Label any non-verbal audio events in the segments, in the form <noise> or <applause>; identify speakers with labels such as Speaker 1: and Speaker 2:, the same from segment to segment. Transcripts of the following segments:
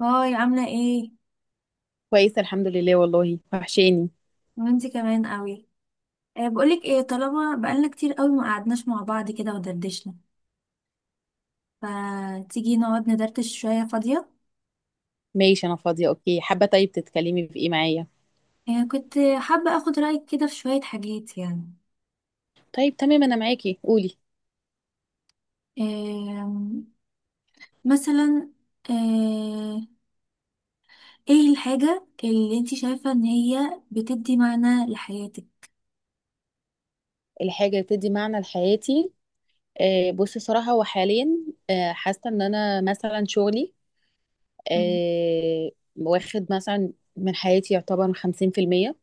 Speaker 1: هاي، عاملة ايه؟
Speaker 2: كويسة، الحمد لله، والله وحشاني.
Speaker 1: وانتي كمان قوي. بقولك ايه، طالما بقالنا كتير قوي ما قعدناش مع بعض كده ودردشنا، فتيجي نقعد ندردش شوية فاضية.
Speaker 2: ماشي، أنا فاضية، أوكي، حابة. طيب، تتكلمي في إيه معايا؟
Speaker 1: كنت حابة اخد رأيك كده في شوية حاجات يعني.
Speaker 2: طيب تمام، أنا معاكي قولي.
Speaker 1: أه مثلا أه ايه الحاجة اللي انتي شايفة ان هي بتدي معنى لحياتك؟
Speaker 2: الحاجة اللي بتدي معنى لحياتي. بصي صراحة وحاليا، حاسة إن أنا مثلا شغلي،
Speaker 1: مم،
Speaker 2: آه واخد مثلا من حياتي يعتبر 50%.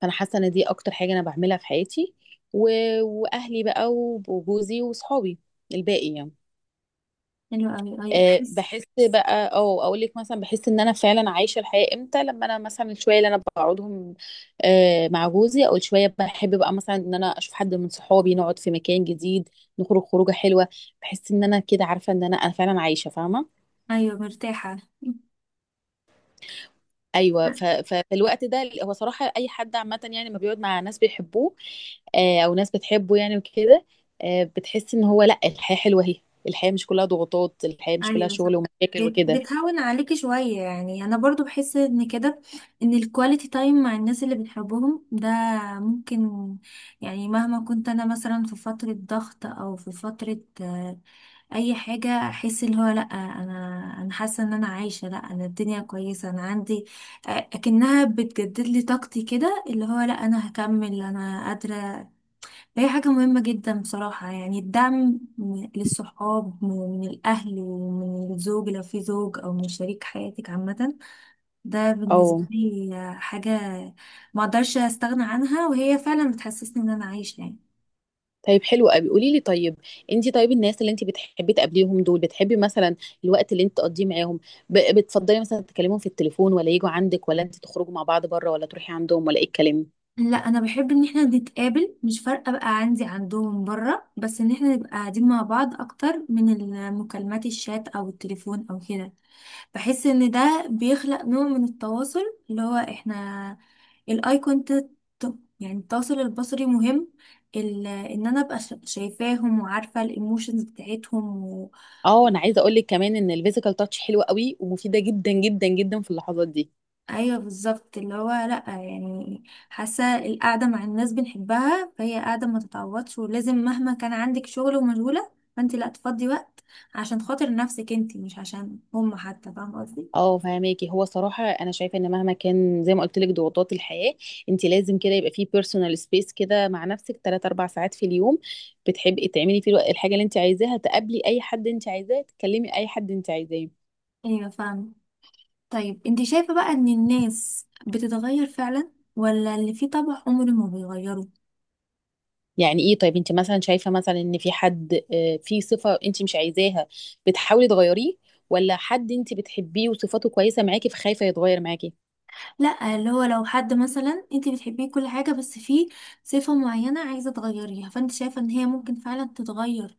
Speaker 2: فأنا حاسة إن دي أكتر حاجة أنا بعملها في حياتي. و... وأهلي بقى وجوزي وصحابي الباقي، يعني.
Speaker 1: حلو قوي، ايوه بحس.
Speaker 2: بحس بقى او اقول لك مثلا بحس ان انا فعلا عايشه الحياه امتى لما انا مثلا الشويه اللي انا بقعدهم، مع جوزي او الشويه بحب بقى مثلا ان انا اشوف حد من صحابي، نقعد في مكان جديد، نخرج خروجه حلوه. بحس ان انا كده عارفه ان انا فعلا عايشه فاهمه.
Speaker 1: ايوه مرتاحة.
Speaker 2: ايوه،
Speaker 1: <laughs>
Speaker 2: فالوقت ده هو صراحه اي حد عامه، يعني ما بيقعد مع ناس بيحبوه، او ناس بتحبه يعني وكده، بتحس ان هو لا، الحياه حلوه اهي. الحياه مش كلها ضغوطات، الحياه مش كلها
Speaker 1: ايوه صح.
Speaker 2: شغل ومشاكل وكده.
Speaker 1: بتهون عليكي شوية، يعني انا برضو بحس ان كده، ان الكواليتي تايم مع الناس اللي بنحبهم ده ممكن، يعني مهما كنت انا مثلا في فترة ضغط او في فترة اي حاجة، احس اللي هو لا انا، انا حاسة ان انا عايشة، لا انا الدنيا كويسة انا عندي، اكنها بتجدد لي طاقتي كده، اللي هو لا انا هكمل انا قادرة. هي حاجة مهمة جدا بصراحة، يعني الدعم للصحاب من الأهل ومن الزوج لو في زوج، أو من شريك حياتك عامة. ده بالنسبة
Speaker 2: اه.
Speaker 1: لي حاجة ما أقدرش أستغنى عنها، وهي فعلا بتحسسني إن أنا عايشة يعني.
Speaker 2: طيب، حلو قوي، قولي لي طيب، انت طيب الناس اللي انت بتحبي تقابليهم دول، بتحبي مثلا الوقت اللي انت تقضيه معاهم بتفضلي مثلا تكلمهم في التليفون ولا يجوا عندك ولا انت تخرجوا مع بعض بره ولا تروحي عندهم ولا ايه الكلام؟
Speaker 1: لا أنا بحب إن إحنا نتقابل، مش فارقة بقى عندي عندهم برا، بس إن إحنا نبقى قاعدين مع بعض أكتر من المكالمات، الشات أو التليفون أو كده. بحس ان ده بيخلق نوع من التواصل، اللي هو احنا الاي كونتاكت، يعني التواصل البصري مهم. ان انا ابقى شايفاهم وعارفه الايموشنز بتاعتهم و...
Speaker 2: اه انا عايزه اقول لك كمان ان الفيزيكال تاتش حلوه قوي ومفيده جدا جدا جدا في اللحظات دي.
Speaker 1: ايوه بالظبط، اللي هو لا يعني، حاسه القعده مع الناس بنحبها فهي قعده ما تتعوضش، ولازم مهما كان عندك شغل ومشغوله، فانت لا تفضي وقت عشان خاطر نفسك، انت مش عشان هم حتى، فاهمه قصدي.
Speaker 2: اه فهماكي، هو صراحة أنا شايفة إن مهما كان زي ما قلت لك ضغوطات الحياة، أنت لازم كده يبقى فيه بيرسونال سبيس كده مع نفسك 3 4 ساعات في اليوم بتحبي تعملي فيه الحاجة اللي أنت عايزاها، تقابلي أي حد أنت عايزاه، تكلمي أي حد أنت عايزاه.
Speaker 1: ايوه فاهمه. طيب انت شايفة بقى ان الناس بتتغير فعلا، ولا اللي فيه طبع عمره ما بيغيره؟
Speaker 2: يعني إيه؟ طيب، أنت مثلا شايفة مثلا إن في حد في صفة أنت مش عايزاها بتحاولي تغيريه، ولا حد أنت بتحبيه وصفاته كويسة معاكي فخايفة يتغير معاكي؟
Speaker 1: لا، اللي هو لو حد مثلا انت بتحبيه كل حاجة بس فيه صفة معينة عايزة تغيريها، فانت شايفة ان هي ممكن فعلا تتغير؟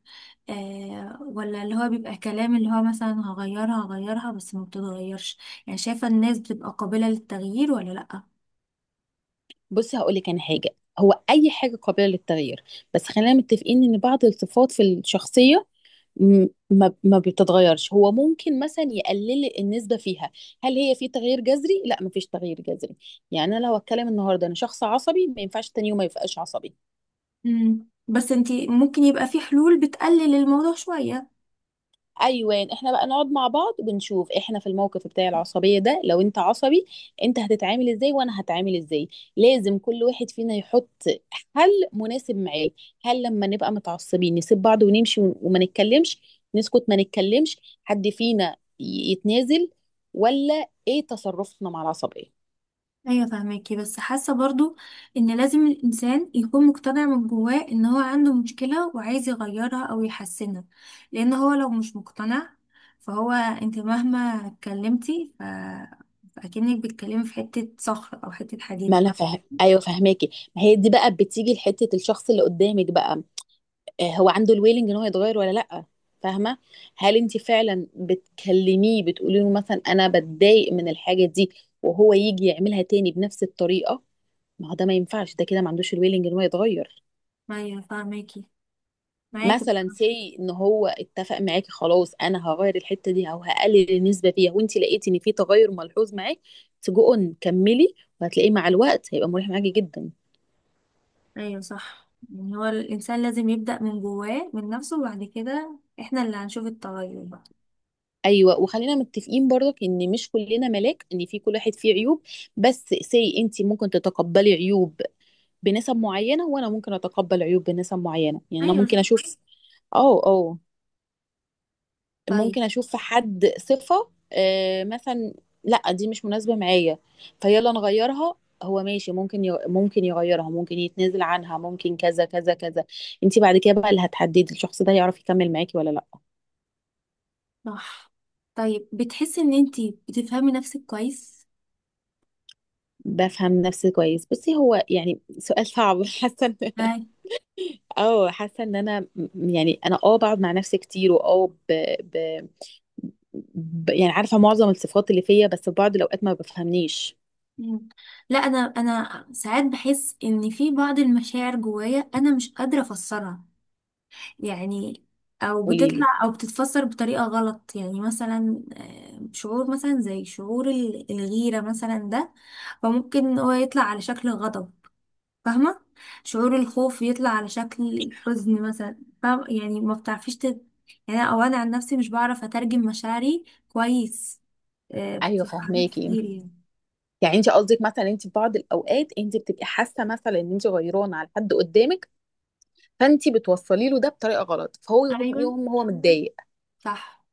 Speaker 1: ولا اللي هو بيبقى كلام، اللي هو مثلا هغيرها هغيرها بس ما بتتغيرش؟ يعني شايفة الناس بتبقى قابلة للتغيير ولا لا؟
Speaker 2: بصي هقول لك أنا حاجة، هو أي حاجة قابلة للتغيير، بس خلينا متفقين إن بعض الصفات في الشخصية ما بتتغيرش. هو ممكن مثلا يقلل النسبة فيها. هل هي في تغيير جذري؟ لا، ما فيش تغيير جذري. يعني انا لو اتكلم النهارده انا شخص عصبي، ما ينفعش تاني يوم ما يبقاش عصبي.
Speaker 1: بس انت ممكن يبقى في حلول بتقلل الموضوع شوية.
Speaker 2: ايوه، احنا بقى نقعد مع بعض ونشوف احنا في الموقف بتاع العصبيه ده، لو انت عصبي انت هتتعامل ازاي وانا هتعامل ازاي. لازم كل واحد فينا يحط حل مناسب معاه. هل لما نبقى متعصبين نسيب بعض ونمشي وما نتكلمش، نسكت ما نتكلمش، حد فينا يتنازل، ولا ايه تصرفنا مع العصبيه؟
Speaker 1: ايوه فاهماكي بس حاسه برضو ان لازم الانسان يكون مقتنع من جواه ان هو عنده مشكله وعايز يغيرها او يحسنها. لان هو لو مش مقتنع، فهو انت مهما اتكلمتي فاكنك بتتكلمي في حته صخر او حته
Speaker 2: ما
Speaker 1: حديده
Speaker 2: انا فاهم، ايوه فاهماكي. ما هي دي بقى بتيجي لحته الشخص اللي قدامك بقى، هو عنده الويلنج ان هو يتغير ولا لا. فاهمه. هل انت فعلا بتكلميه بتقولي له مثلا انا بتضايق من الحاجه دي، وهو يجي يعملها تاني بنفس الطريقه؟ ما هو ده ما ينفعش، ده كده ما عندوش الويلنج ان هو يتغير.
Speaker 1: ايوه فاهماكي معاكي.
Speaker 2: مثلا سي ان هو اتفق معاكي، خلاص انا هغير الحته دي او هقلل النسبه فيها، وانت لقيتي ان في تغير ملحوظ معاك، تجو اون كملي، وهتلاقيه مع الوقت هيبقى مريح معاكي جدا.
Speaker 1: ايوه صح، يعني هو الانسان لازم يبدا من جواه من نفسه، وبعد كده احنا اللي هنشوف التغير بقى.
Speaker 2: ايوه، وخلينا متفقين برضك ان مش كلنا ملاك، ان في كل واحد فيه عيوب، بس سي انت ممكن تتقبلي عيوب بنسب معينه وانا ممكن اتقبل عيوب بنسب معينه. يعني انا
Speaker 1: ايوه،
Speaker 2: ممكن
Speaker 1: صح،
Speaker 2: اشوف. اه اه.
Speaker 1: طيب.
Speaker 2: ممكن اشوف في حد صفه مثلا، لا دي مش مناسبه معايا، فيلا نغيرها. هو ماشي، ممكن ممكن يغيرها، ممكن يتنازل عنها، ممكن كذا كذا كذا. انت بعد كده بقى اللي هتحددي الشخص ده يعرف يكمل معاكي ولا لا.
Speaker 1: صح طيب بتحسي ان انتي بتفهمي نفسك كويس؟
Speaker 2: بفهم نفسي كويس. بصي، هو يعني سؤال صعب <laughs> حاسه.
Speaker 1: هاي.
Speaker 2: اه حاسه ان يعني انا بقعد مع نفسي كتير واه ب... ب... ب... يعني عارفه معظم الصفات اللي فيا، بس في بعض الاوقات ما بفهمنيش.
Speaker 1: مم. لا انا ساعات بحس ان في بعض المشاعر جوايا انا مش قادره افسرها يعني، او
Speaker 2: قولي لي.
Speaker 1: بتطلع او بتتفسر بطريقه غلط، يعني مثلا شعور مثلا زي شعور الغيره مثلا ده، فممكن هو يطلع على شكل غضب، فاهمه؟ شعور الخوف يطلع على شكل الحزن مثلا، فاهم يعني، ما بتعرفيش يعني او انا عن نفسي مش بعرف اترجم مشاعري كويس،
Speaker 2: ايوه
Speaker 1: في حاجات
Speaker 2: فهماكي.
Speaker 1: كتير يعني.
Speaker 2: يعني انت قصدك مثلا انت في بعض الاوقات انت بتبقي حاسه مثلا ان انت غيرانه على حد قدامك، فانت بتوصلي له ده بطريقه غلط، فهو يوم
Speaker 1: ايوه
Speaker 2: يوم هو متضايق.
Speaker 1: صح.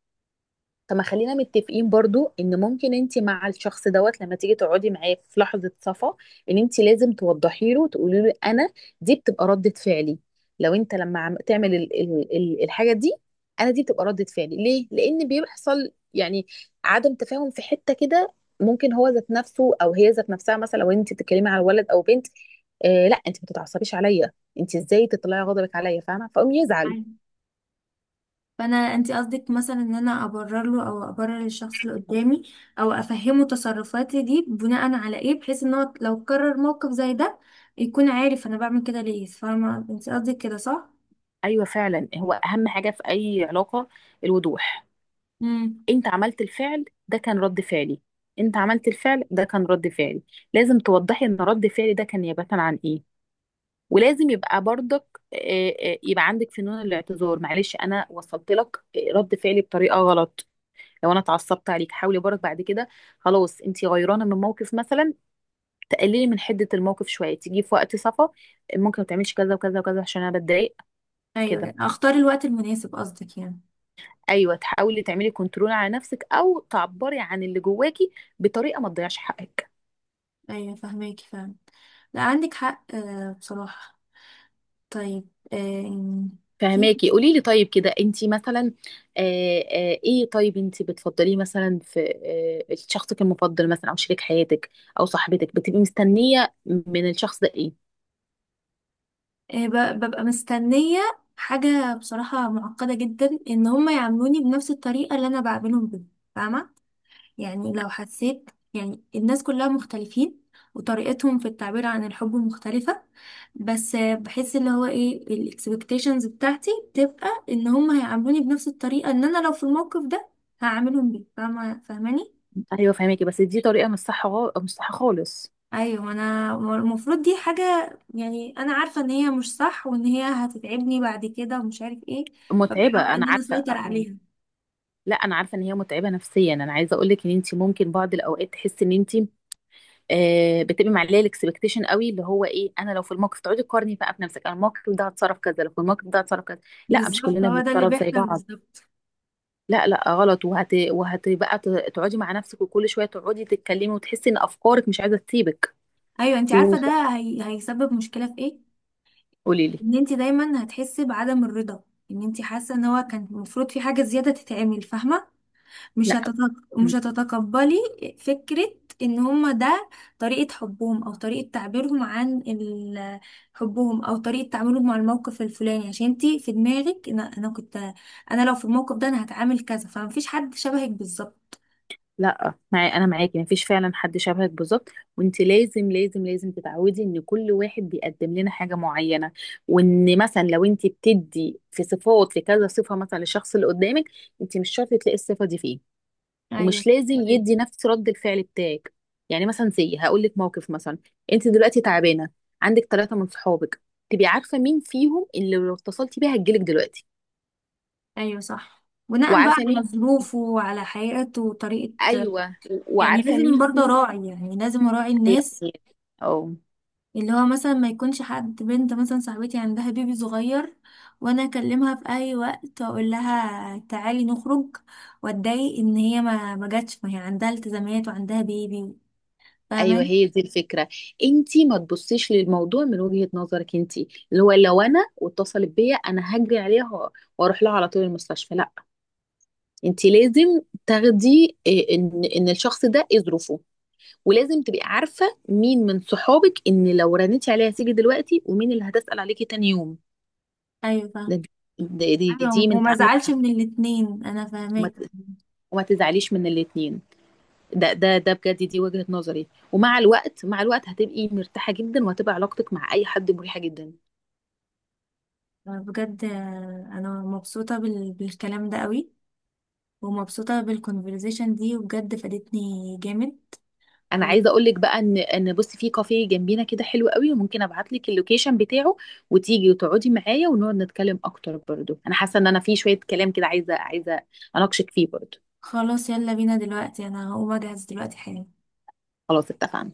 Speaker 2: طب ما خلينا متفقين برضو ان ممكن انت مع الشخص دوت، لما تيجي تقعدي معاه في لحظة صفا، ان انت لازم توضحي له وتقولي له انا دي بتبقى ردة فعلي، لو انت لما عم تعمل ال ال ال الحاجة دي، انا دي بتبقى ردة فعلي ليه؟ لان بيحصل يعني عدم تفاهم في حتة كده. ممكن هو ذات نفسه او هي ذات نفسها مثلا، لو انت بتتكلمي على ولد او بنت، آه لا انت ما تتعصبيش عليا، انت ازاي تطلعي غضبك عليا فاهمة؟ فقوم يزعل.
Speaker 1: أيوة. فانا انت قصدك مثلا ان انا ابرر له، او ابرر الشخص اللي قدامي، او افهمه تصرفاتي دي بناء على ايه، بحيث ان هو لو كرر موقف زي ده يكون عارف انا بعمل كده ليه، فاهمه انت قصدك كده صح؟
Speaker 2: ايوه فعلا، هو اهم حاجة في اي علاقة الوضوح.
Speaker 1: امم.
Speaker 2: انت عملت الفعل ده كان رد فعلي، انت عملت الفعل ده كان رد فعلي. لازم توضحي ان رد فعلي ده كان نيابة عن ايه. ولازم يبقى برضك آه، يبقى عندك فنون الاعتذار. معلش انا وصلت لك رد فعلي بطريقة غلط، لو انا اتعصبت عليك حاولي برضك بعد كده. خلاص انت غيرانه من موقف مثلا، تقللي من حده الموقف شويه، تيجي في وقت صفا، ممكن ما تعمليش كذا وكذا وكذا عشان انا بتضايق كده.
Speaker 1: ايوه، اختار الوقت المناسب قصدك يعني.
Speaker 2: ايوه، تحاولي تعملي كنترول على نفسك، او تعبري عن اللي جواكي بطريقه ما تضيعش حقك.
Speaker 1: ايوه فهماكي فعلا، لا عندك حق بصراحه. طيب في
Speaker 2: فهماكي، قولي لي طيب، كده انت مثلا ايه، طيب انت بتفضليه مثلا في شخصك المفضل مثلا او شريك حياتك او صاحبتك، بتبقي مستنيه من الشخص ده ايه؟
Speaker 1: ببقى مستنيه حاجه بصراحه معقده جدا، ان هم يعاملوني بنفس الطريقه اللي انا بعملهم بيها، فاهمه؟ يعني لو حسيت، يعني الناس كلها مختلفين وطريقتهم في التعبير عن الحب مختلفة، بس بحس اللي هو ايه، الاكسبكتيشنز بتاعتي بتبقى ان هم هيعاملوني بنفس الطريقة، ان انا لو في الموقف ده هعاملهم بيه، فاهمة فاهماني؟
Speaker 2: ايوه فهماكي، بس دي طريقه مش صح، مش صح خالص.
Speaker 1: ايوه انا المفروض دي حاجة، يعني انا عارفة ان هي مش صح، وان هي هتتعبني بعد كده ومش عارف ايه.
Speaker 2: متعبه،
Speaker 1: فبحاول
Speaker 2: انا
Speaker 1: ان انا
Speaker 2: عارفه،
Speaker 1: اسيطر
Speaker 2: اه.
Speaker 1: عليها.
Speaker 2: لا انا عارفه ان هي متعبه نفسيا. انا عايزه اقول لك ان انت ممكن بعض الاوقات تحسي ان انت بتبقي معليه الاكسبكتيشن قوي، اللي هو ايه، انا لو في الموقف تقعدي تقارني بقى بنفسك، انا الموقف ده هتصرف كذا، لو في الموقف ده هتصرف كذا. لا، مش
Speaker 1: بالظبط،
Speaker 2: كلنا
Speaker 1: هو ده اللي
Speaker 2: بنتصرف زي
Speaker 1: بيحصل،
Speaker 2: بعض،
Speaker 1: بالظبط.
Speaker 2: لا لا غلط. تقعدي مع نفسك، وكل شويه تقعدي تتكلمي وتحسي ان افكارك مش عايزه تسيبك،
Speaker 1: ايوه انت عارفة
Speaker 2: وقولي
Speaker 1: ده. هيسبب مشكلة في ايه؟
Speaker 2: <laughs> لي.
Speaker 1: ان انت دايما هتحسي بعدم الرضا، ان انت حاسه ان هو كان المفروض في حاجه زياده تتعمل، فاهمه؟ مش
Speaker 2: لا،
Speaker 1: هتتق... مش هتتقبلي فكره ان هما ده طريقه حبهم، او طريقه تعبيرهم عن حبهم، او طريقه تعاملهم مع الموقف الفلاني، عشان انت في دماغك انا كنت، انا لو في الموقف ده انا هتعامل كذا، فمفيش حد شبهك بالظبط.
Speaker 2: معي، انا معاكي مفيش فعلا حد شبهك بالظبط. وانت لازم لازم لازم تتعودي ان كل واحد بيقدم لنا حاجه معينه، وان مثلا لو انت بتدي في صفات في كذا صفه مثلا للشخص اللي قدامك، انت مش شرط تلاقي الصفه دي فيه،
Speaker 1: ايوه.
Speaker 2: ومش لازم يدي نفس رد الفعل بتاعك. يعني مثلا زي هقول لك موقف مثلا، انت دلوقتي تعبانه، عندك 3 من صحابك، تبقي عارفه مين فيهم اللي لو اتصلتي بيها هتجيلك دلوقتي.
Speaker 1: ايوه صح، بناء بقى
Speaker 2: وعارفه
Speaker 1: على
Speaker 2: مين.
Speaker 1: ظروفه وعلى حياته وطريقه،
Speaker 2: ايوه.
Speaker 1: يعني
Speaker 2: وعارفه
Speaker 1: لازم
Speaker 2: مين
Speaker 1: برضه
Speaker 2: فيهم.
Speaker 1: اراعي، يعني لازم اراعي الناس،
Speaker 2: أيوة. اه.
Speaker 1: اللي هو مثلا ما يكونش حد بنت مثلا صاحبتي عندها بيبي صغير، وانا اكلمها في اي وقت واقول لها تعالي نخرج، واتضايق ان هي ما جاتش، ما هي عندها التزامات وعندها بيبي،
Speaker 2: ايوه
Speaker 1: فاهماني؟
Speaker 2: هي دي الفكره، انت ما تبصيش للموضوع من وجهه نظرك انت، اللي هو لو انا واتصلت بيا انا هجري عليها واروح لها على طول المستشفى، لا. انت لازم تاخدي إيه، ان الشخص ده ايه ظروفه، ولازم تبقي عارفة مين من صحابك ان لو رنيتي عليها هتيجي دلوقتي، ومين اللي هتسأل عليكي تاني يوم.
Speaker 1: ايوه فاهم.
Speaker 2: ده دي
Speaker 1: ايوه،
Speaker 2: من
Speaker 1: وما
Speaker 2: تعاملك
Speaker 1: زعلش
Speaker 2: مع
Speaker 1: من
Speaker 2: صحابك.
Speaker 1: الاتنين، انا
Speaker 2: وما
Speaker 1: فاهماك.
Speaker 2: ت- وما تزعليش من الاتنين. ده بجد دي وجهة نظري، ومع الوقت مع الوقت هتبقي مرتاحة جدا، وهتبقى علاقتك مع اي حد مريحة جدا.
Speaker 1: بجد انا مبسوطه بالكلام ده قوي، ومبسوطه بالكونفرزيشن دي وبجد فادتني جامد.
Speaker 2: انا عايزه اقول لك بقى ان بصي في كافيه جنبينا كده حلو قوي، وممكن ابعت لك اللوكيشن بتاعه، وتيجي وتقعدي معايا ونقعد نتكلم اكتر برضو. انا حاسه ان انا في شويه كلام كده عايزه اناقشك فيه برضو.
Speaker 1: وخلاص يلا بينا دلوقتي، انا هقوم اجهز دلوقتي حالا.
Speaker 2: خلاص اتفقنا.